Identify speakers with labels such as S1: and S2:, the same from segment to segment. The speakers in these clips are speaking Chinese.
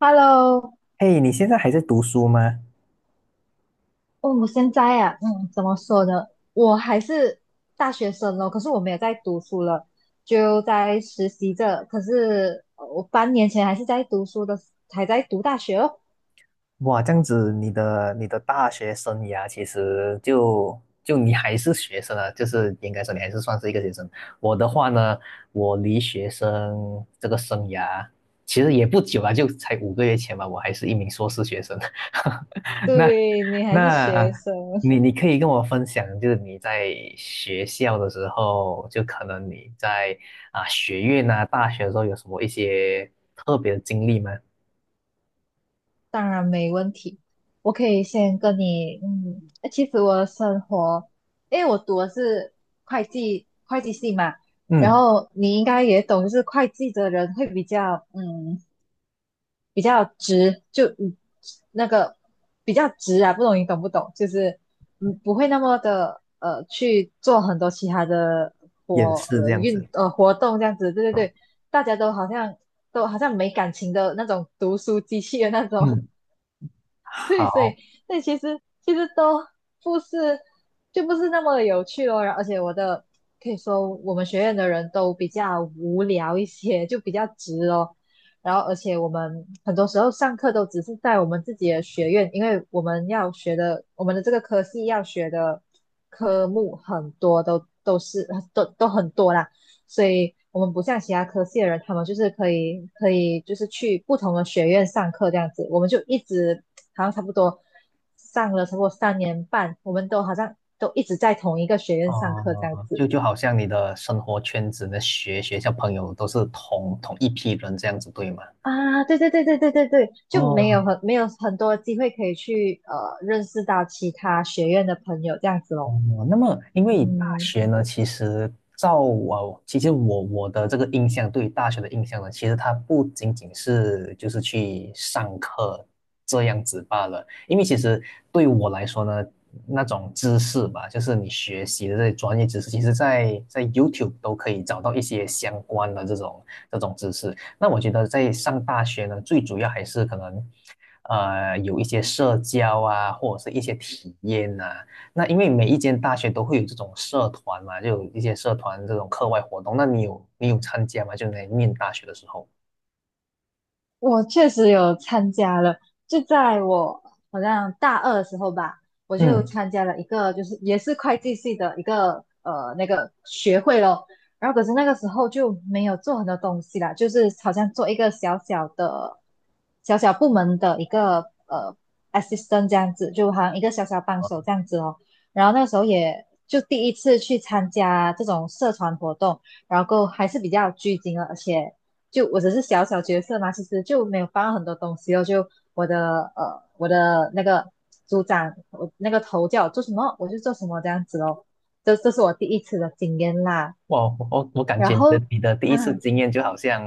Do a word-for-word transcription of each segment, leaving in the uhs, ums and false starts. S1: Hello，
S2: 嘿，你现在还在读书吗？
S1: 哦，我现在啊，嗯，怎么说呢？我还是大学生咯，可是我没有在读书了，就在实习着。可是呃我半年前还是在读书的，还在读大学哦。
S2: 哇，这样子，你的你的大学生涯其实就就你还是学生啊，就是应该说你还是算是一个学生。我的话呢，我离学生这个生涯其实也不久啊，就才五个月前吧，我还是一名硕士学生。那
S1: 对，你还是
S2: 那呃
S1: 学生，
S2: 你你可以跟我分享，就是你在学校的时候，就可能你在啊学院啊大学的时候有什么一些特别的经历吗？
S1: 当然没问题。我可以先跟你，嗯，呃其实我的生活，因为我读的是会计会计系嘛，然
S2: 嗯。
S1: 后你应该也懂，就是会计的人会比较，嗯。比较直，就嗯那个比较直啊，不懂你懂不懂？就是嗯不会那么的呃去做很多其他的
S2: 掩
S1: 活
S2: 饰这
S1: 呃
S2: 样
S1: 运
S2: 子。
S1: 呃活动这样子，对对对，大家都好像都好像没感情的那种读书机器的那种，
S2: 嗯，
S1: 对，所以
S2: 好。
S1: 所以其实其实都不是就不是那么有趣咯。然后而且我的可以说我们学院的人都比较无聊一些，就比较直哦。然后而且我们很多时候上课都只是在我们自己的学院，因为我们要学的我们的这个科系要学的科目很多都都是都都很多啦，所以。我们不像其他科系的人，他们就是可以可以就是去不同的学院上课这样子，我们就一直好像差不多上了差不多三年半，我们都好像都一直在同一个学院上课这
S2: 哦，
S1: 样子
S2: 就就好像你的生活圈子、你的学学校朋友都是同同一批人这样子，对吗？
S1: 啊。对对对对对对对，就没
S2: 哦。
S1: 有很没有很多机会可以去呃认识到其他学院的朋友这样子咯。
S2: 哦，那么因为大
S1: 嗯，
S2: 学呢，其实照我，其实我我的这个印象，对于大学的印象呢，其实它不仅仅是就是去上课这样子罢了。因为其实对我来说呢，那种知识吧，就是你学习的这些专业知识，其实在在 YouTube 都可以找到一些相关的这种这种知识。那我觉得在上大学呢，最主要还是可能，呃，有一些社交啊，或者是一些体验呐、那因为每一间大学都会有这种社团嘛，就有一些社团这种课外活动。那你有你有参加吗？就你在念大学的时候。
S1: 我确实有参加了，就在我好像大二的时候吧，我就
S2: 嗯。
S1: 参加了一个，就是也是会计系的一个呃那个学会咯。然后可是那个时候就没有做很多东西啦，就是好像做一个小小的、小小部门的一个呃 assistant 这样子，就好像一个小小帮
S2: 啊。
S1: 手这样子哦。然后那时候也就第一次去参加这种社团活动，然后还是比较拘谨的，而且就我只是小小角色嘛，其实就没有放很多东西哦。就我的呃，我的那个组长，我那个头叫我做什么，我就做什么这样子哦。这这是我第一次的经验啦。
S2: 哇，我我我感
S1: 然
S2: 觉你
S1: 后
S2: 的你的第一
S1: 啊，
S2: 次经验就好像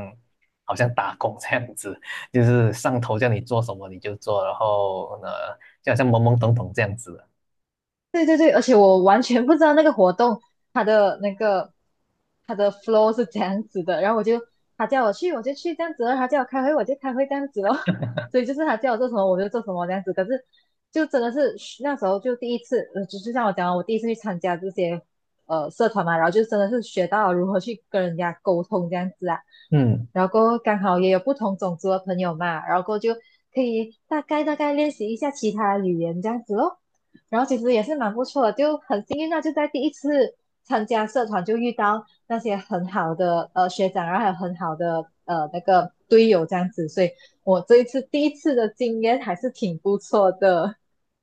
S2: 好像打工这样子，就是上头叫你做什么你就做，然后呢就好像懵懵懂懂这样子。
S1: 对对对，而且我完全不知道那个活动它的那个它的 flow 是这样子的，然后我就他叫我去我就去这样子咯，他叫我开会我就开会这样子咯，所以就是他叫我做什么我就做什么这样子。可是就真的是那时候就第一次，呃，就就像我讲的我第一次去参加这些呃社团嘛，然后就真的是学到如何去跟人家沟通这样子啊。
S2: 嗯。
S1: 然后过后刚好也有不同种族的朋友嘛，然后过后就可以大概大概练习一下其他语言这样子咯。然后其实也是蛮不错的，就很幸运啊，就在第一次参加社团就遇到那些很好的呃学长啊，然后还有很好的呃那个队友这样子，所以我这一次第一次的经验还是挺不错的。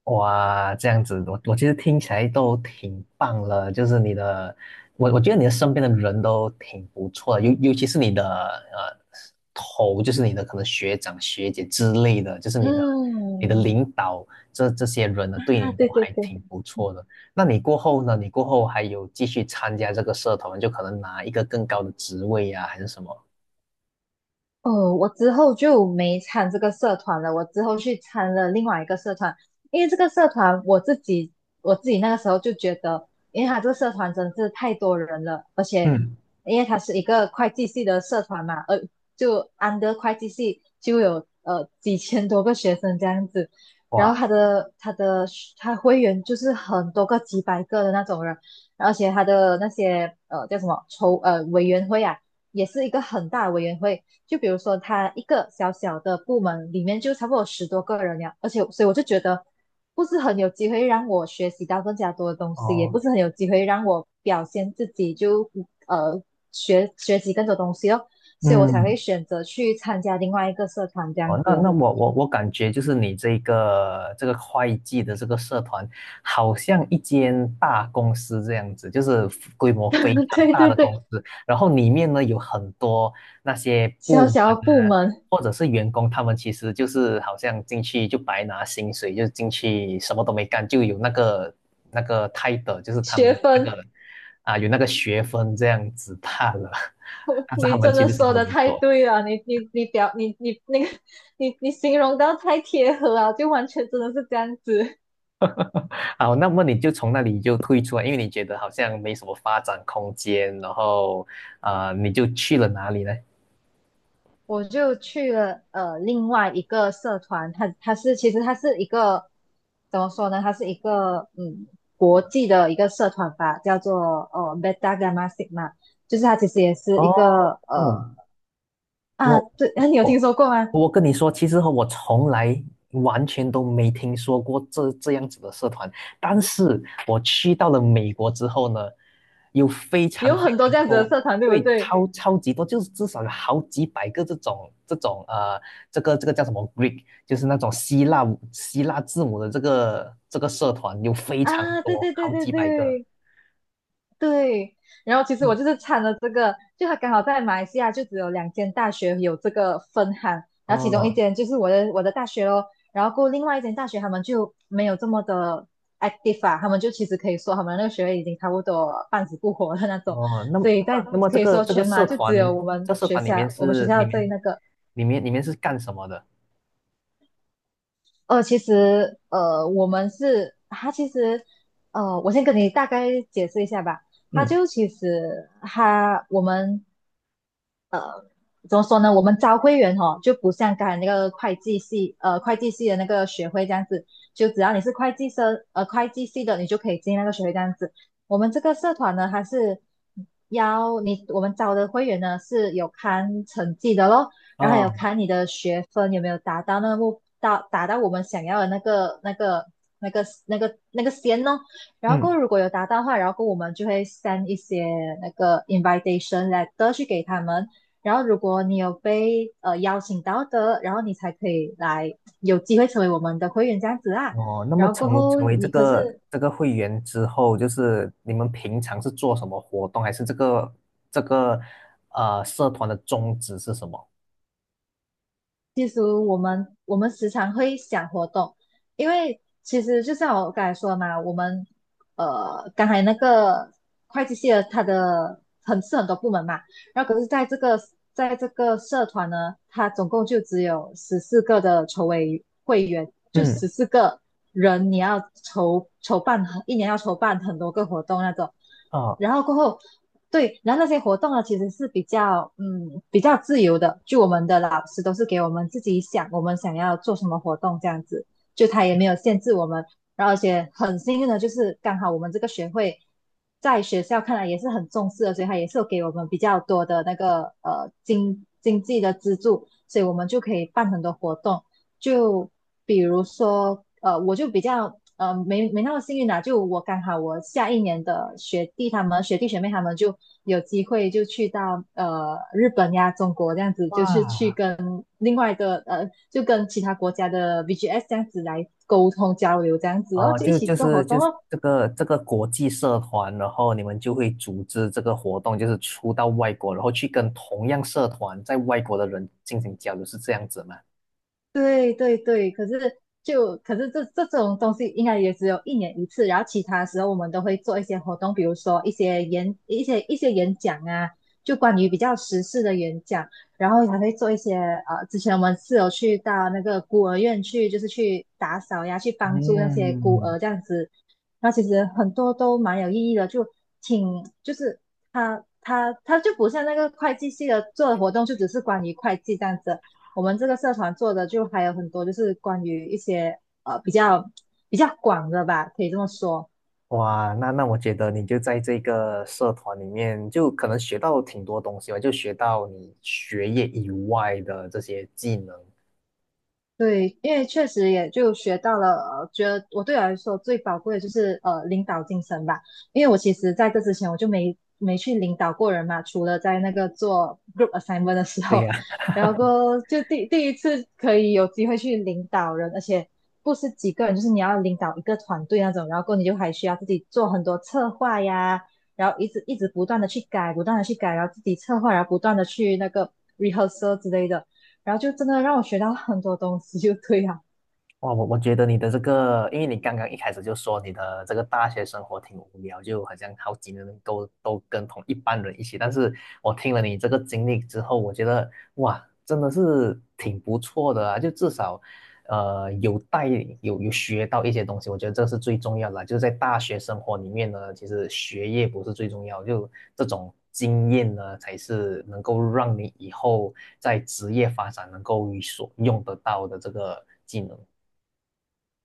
S2: 哇，这样子，我我其实听起来都挺棒了，就是你的，我我觉得你的身边的人都挺不错的，尤尤其是你的呃头，就是你的可能学长学姐之类的，就是你的你的
S1: 嗯，
S2: 领导这这些人呢，对
S1: 啊，
S2: 你都
S1: 对对
S2: 还
S1: 对，
S2: 挺不错的。那你过后呢？你过后还有继续参加这个社团，就可能拿一个更高的职位呀、还是什么？
S1: 哦，我之后就没参这个社团了，我之后去参了另外一个社团，因为这个社团我自己我自己那个时候就觉得，因为他这个社团真的是太多人了，而且
S2: 嗯。
S1: 因为他是一个会计系的社团嘛，呃，就安德会计系就有呃几千多个学生这样子，然后
S2: 哇。
S1: 他的他的他会员就是很多个几百个的那种人，而且他的那些呃叫什么筹呃委员会啊。也是一个很大的委员会，就比如说他一个小小的部门里面就差不多十多个人呀，而且所以我就觉得不是很有机会让我学习到更加多的东西，也
S2: 哦。
S1: 不是很有机会让我表现自己就呃学学习更多东西哦，所以我才会
S2: 嗯。
S1: 选择去参加另外一个社团这样
S2: 哦，
S1: 子
S2: 那那
S1: 哦。
S2: 我我我感觉就是你这个这个会计的这个社团，好像一间大公司这样子，就是规模非 常
S1: 对
S2: 大
S1: 对
S2: 的公
S1: 对，
S2: 司，然后里面呢有很多那些部
S1: 小
S2: 门
S1: 小的部
S2: 啊，
S1: 门
S2: 或者是员工，他们其实就是好像进去就白拿薪水，就进去什么都没干，就有那个那个 title，就是他
S1: 学
S2: 们那
S1: 分，
S2: 个啊有那个学分这样子罢了，但是他
S1: 你
S2: 们
S1: 真
S2: 其
S1: 的
S2: 实什么
S1: 说
S2: 都
S1: 的
S2: 没
S1: 太
S2: 做。
S1: 对了，你你你表你你那个 你你形容到太贴合了，就完全真的是这样子。
S2: 好，那么你就从那里就退出来，因为你觉得好像没什么发展空间，然后啊、呃你就去了哪里呢？
S1: 我就去了呃另外一个社团，它它是其实它是一个怎么说呢？它是一个嗯国际的一个社团吧，叫做呃 b e d a Gamma s i g m 就是它其实也是一
S2: 哦，
S1: 个呃啊
S2: 我。
S1: 对，你有听说过吗？
S2: 我跟你说，其实我从来完全都没听说过这这样子的社团，但是我去到了美国之后呢，有非常
S1: 有
S2: 非
S1: 很多
S2: 常
S1: 这样子的
S2: 多，
S1: 社团，对不
S2: 对，
S1: 对？
S2: 超超级多，就是至少有好几百个这种这种呃，这个这个叫什么 Greek，就是那种希腊希腊字母的这个这个社团有非常
S1: 啊，对
S2: 多，
S1: 对对
S2: 好
S1: 对
S2: 几百个。
S1: 对，对，然后其实我
S2: 哇。
S1: 就是参了这个，就他刚好在马来西亚就只有两间大学有这个分行，然后其中一
S2: 哦。
S1: 间就是我的我的大学咯，然后过后另外一间大学他们就没有这么的 active 啊，他们就其实可以说他们那个学位已经差不多半死不活的那种，
S2: 哦，那么
S1: 所以
S2: 那
S1: 在
S2: 么那么这
S1: 可以
S2: 个
S1: 说
S2: 这个
S1: 全
S2: 社
S1: 马就只有
S2: 团，
S1: 我们
S2: 这社
S1: 学
S2: 团里面
S1: 校我们学
S2: 是里
S1: 校最
S2: 面
S1: 那个，
S2: 里面里面是干什么的？
S1: 呃，其实呃，我们是他，其实呃，我先跟你大概解释一下吧。他
S2: 嗯。
S1: 就其实他我们呃怎么说呢？我们招会员哦，就不像刚才那个会计系，呃，会计系的那个学会这样子，就只要你是会计生，呃，会计系的，你就可以进那个学会这样子。我们这个社团呢，它是要你，我们招的会员呢是有看成绩的咯，然后还有
S2: 哦。
S1: 看你的学分有没有达到那个目，到达到我们想要的那个那个那个那个那个线哦。然后过后
S2: 嗯。
S1: 如果有达到的话，然后过后我们就会 send 一些那个 invitation letter 去给他们。然后如果你有被呃邀请到的，然后你才可以来有机会成为我们的会员这样子啊。
S2: 哦，那么
S1: 然后过
S2: 成
S1: 后
S2: 成为这
S1: 你可
S2: 个
S1: 是
S2: 这个会员之后，就是你们平常是做什么活动，还是这个这个呃社团的宗旨是什么？
S1: 其实我们我们时常会想活动，因为其实就像我刚才说的嘛，我们呃刚才那个会计系的它的很是很多部门嘛，然后可是在这个在这个社团呢，它总共就只有十四个的筹委会员，就
S2: 嗯。
S1: 十四个人，你要筹筹办一年要筹办很多个活动那种，
S2: 哦。
S1: 然后过后对，然后那些活动呢，其实是比较嗯比较自由的，就我们的老师都是给我们自己想，我们想要做什么活动这样子，就他也没有限制我们。然后而且很幸运的就是刚好我们这个学会在学校看来也是很重视的，所以他也是有给我们比较多的那个呃经经济的资助，所以我们就可以办很多活动。就比如说，呃，我就比较呃没没那么幸运啦、就我刚好我下一年的学弟他们学弟学妹他们就有机会就去到呃日本呀、中国这样子，就是去
S2: 哇。
S1: 跟另外的呃就跟其他国家的 V G S 这样子来沟通交流这样子，哦，
S2: 哦，
S1: 就一
S2: 就
S1: 起
S2: 就
S1: 做活
S2: 是就
S1: 动
S2: 是
S1: 哦。
S2: 这个这个国际社团，然后你们就会组织这个活动，就是出到外国，然后去跟同样社团在外国的人进行交流，是这样子吗？
S1: 对对对，可是就可是这这种东西应该也只有一年一次，然后其他时候我们都会做一些活动，比如说一些演一些一些演讲啊，就关于比较时事的演讲，然后还会做一些呃，之前我们是有去到那个孤儿院去，就是去打扫呀，去帮助那些孤
S2: 嗯。
S1: 儿这样子，然后其实很多都蛮有意义的，就挺就是他他他就不像那个会计系的做的活动，就只是关于会计这样子。我们这个社团做的就还有很多，就是关于一些呃比较比较广的吧，可以这么说。
S2: 哇，那那我觉得你就在这个社团里面，就可能学到挺多东西吧，就学到你学业以外的这些技能。
S1: 对，因为确实也就学到了，呃，觉得我对我来说最宝贵的就是呃领导精神吧。因为我其实在这之前我就没没去领导过人嘛，除了在那个做 group assignment 的时
S2: 对
S1: 候，
S2: 呀。
S1: 然后过后就第第一次可以有机会去领导人，而且不是几个人，就是你要领导一个团队那种，然后过后你就还需要自己做很多策划呀，然后一直一直不断的去改，不断的去改，然后自己策划，然后不断的去那个 rehearsal 之类的。然后就真的让我学到很多东西，就对了。
S2: 哇，我我觉得你的这个，因为你刚刚一开始就说你的这个大学生活挺无聊，就好像好几年都都跟同一班人一起。但是我听了你这个经历之后，我觉得哇，真的是挺不错的啊！就至少，呃，有带有有学到一些东西，我觉得这是最重要的啊。就是在大学生活里面呢，其实学业不是最重要，就这种经验呢，才是能够让你以后在职业发展能够有所用得到的这个技能。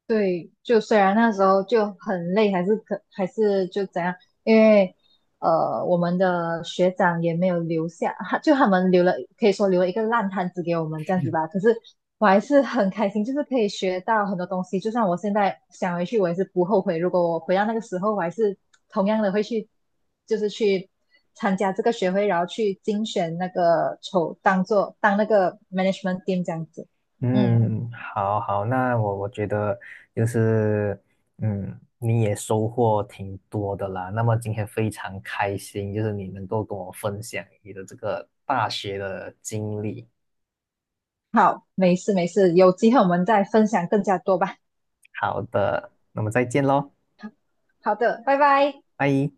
S1: 对，就虽然那时候就很累，还是可还是就怎样，因为呃，我们的学长也没有留下，他就他们留了，可以说留了一个烂摊子给我们这样子吧。可是我还是很开心，就是可以学到很多东西。就算我现在想回去，我也是不后悔。如果我回到那个时候，我还是同样的会去，就是去参加这个学会，然后去竞选那个筹，当做当那个 management team 这样子。嗯，
S2: 嗯，好好，那我我觉得就是，嗯，你也收获挺多的啦。那么今天非常开心，就是你能够跟我分享你的这个大学的经历。
S1: 好，没事没事，有机会我们再分享更加多吧。
S2: 好的，那么再见喽，
S1: 好的，拜拜。
S2: 拜。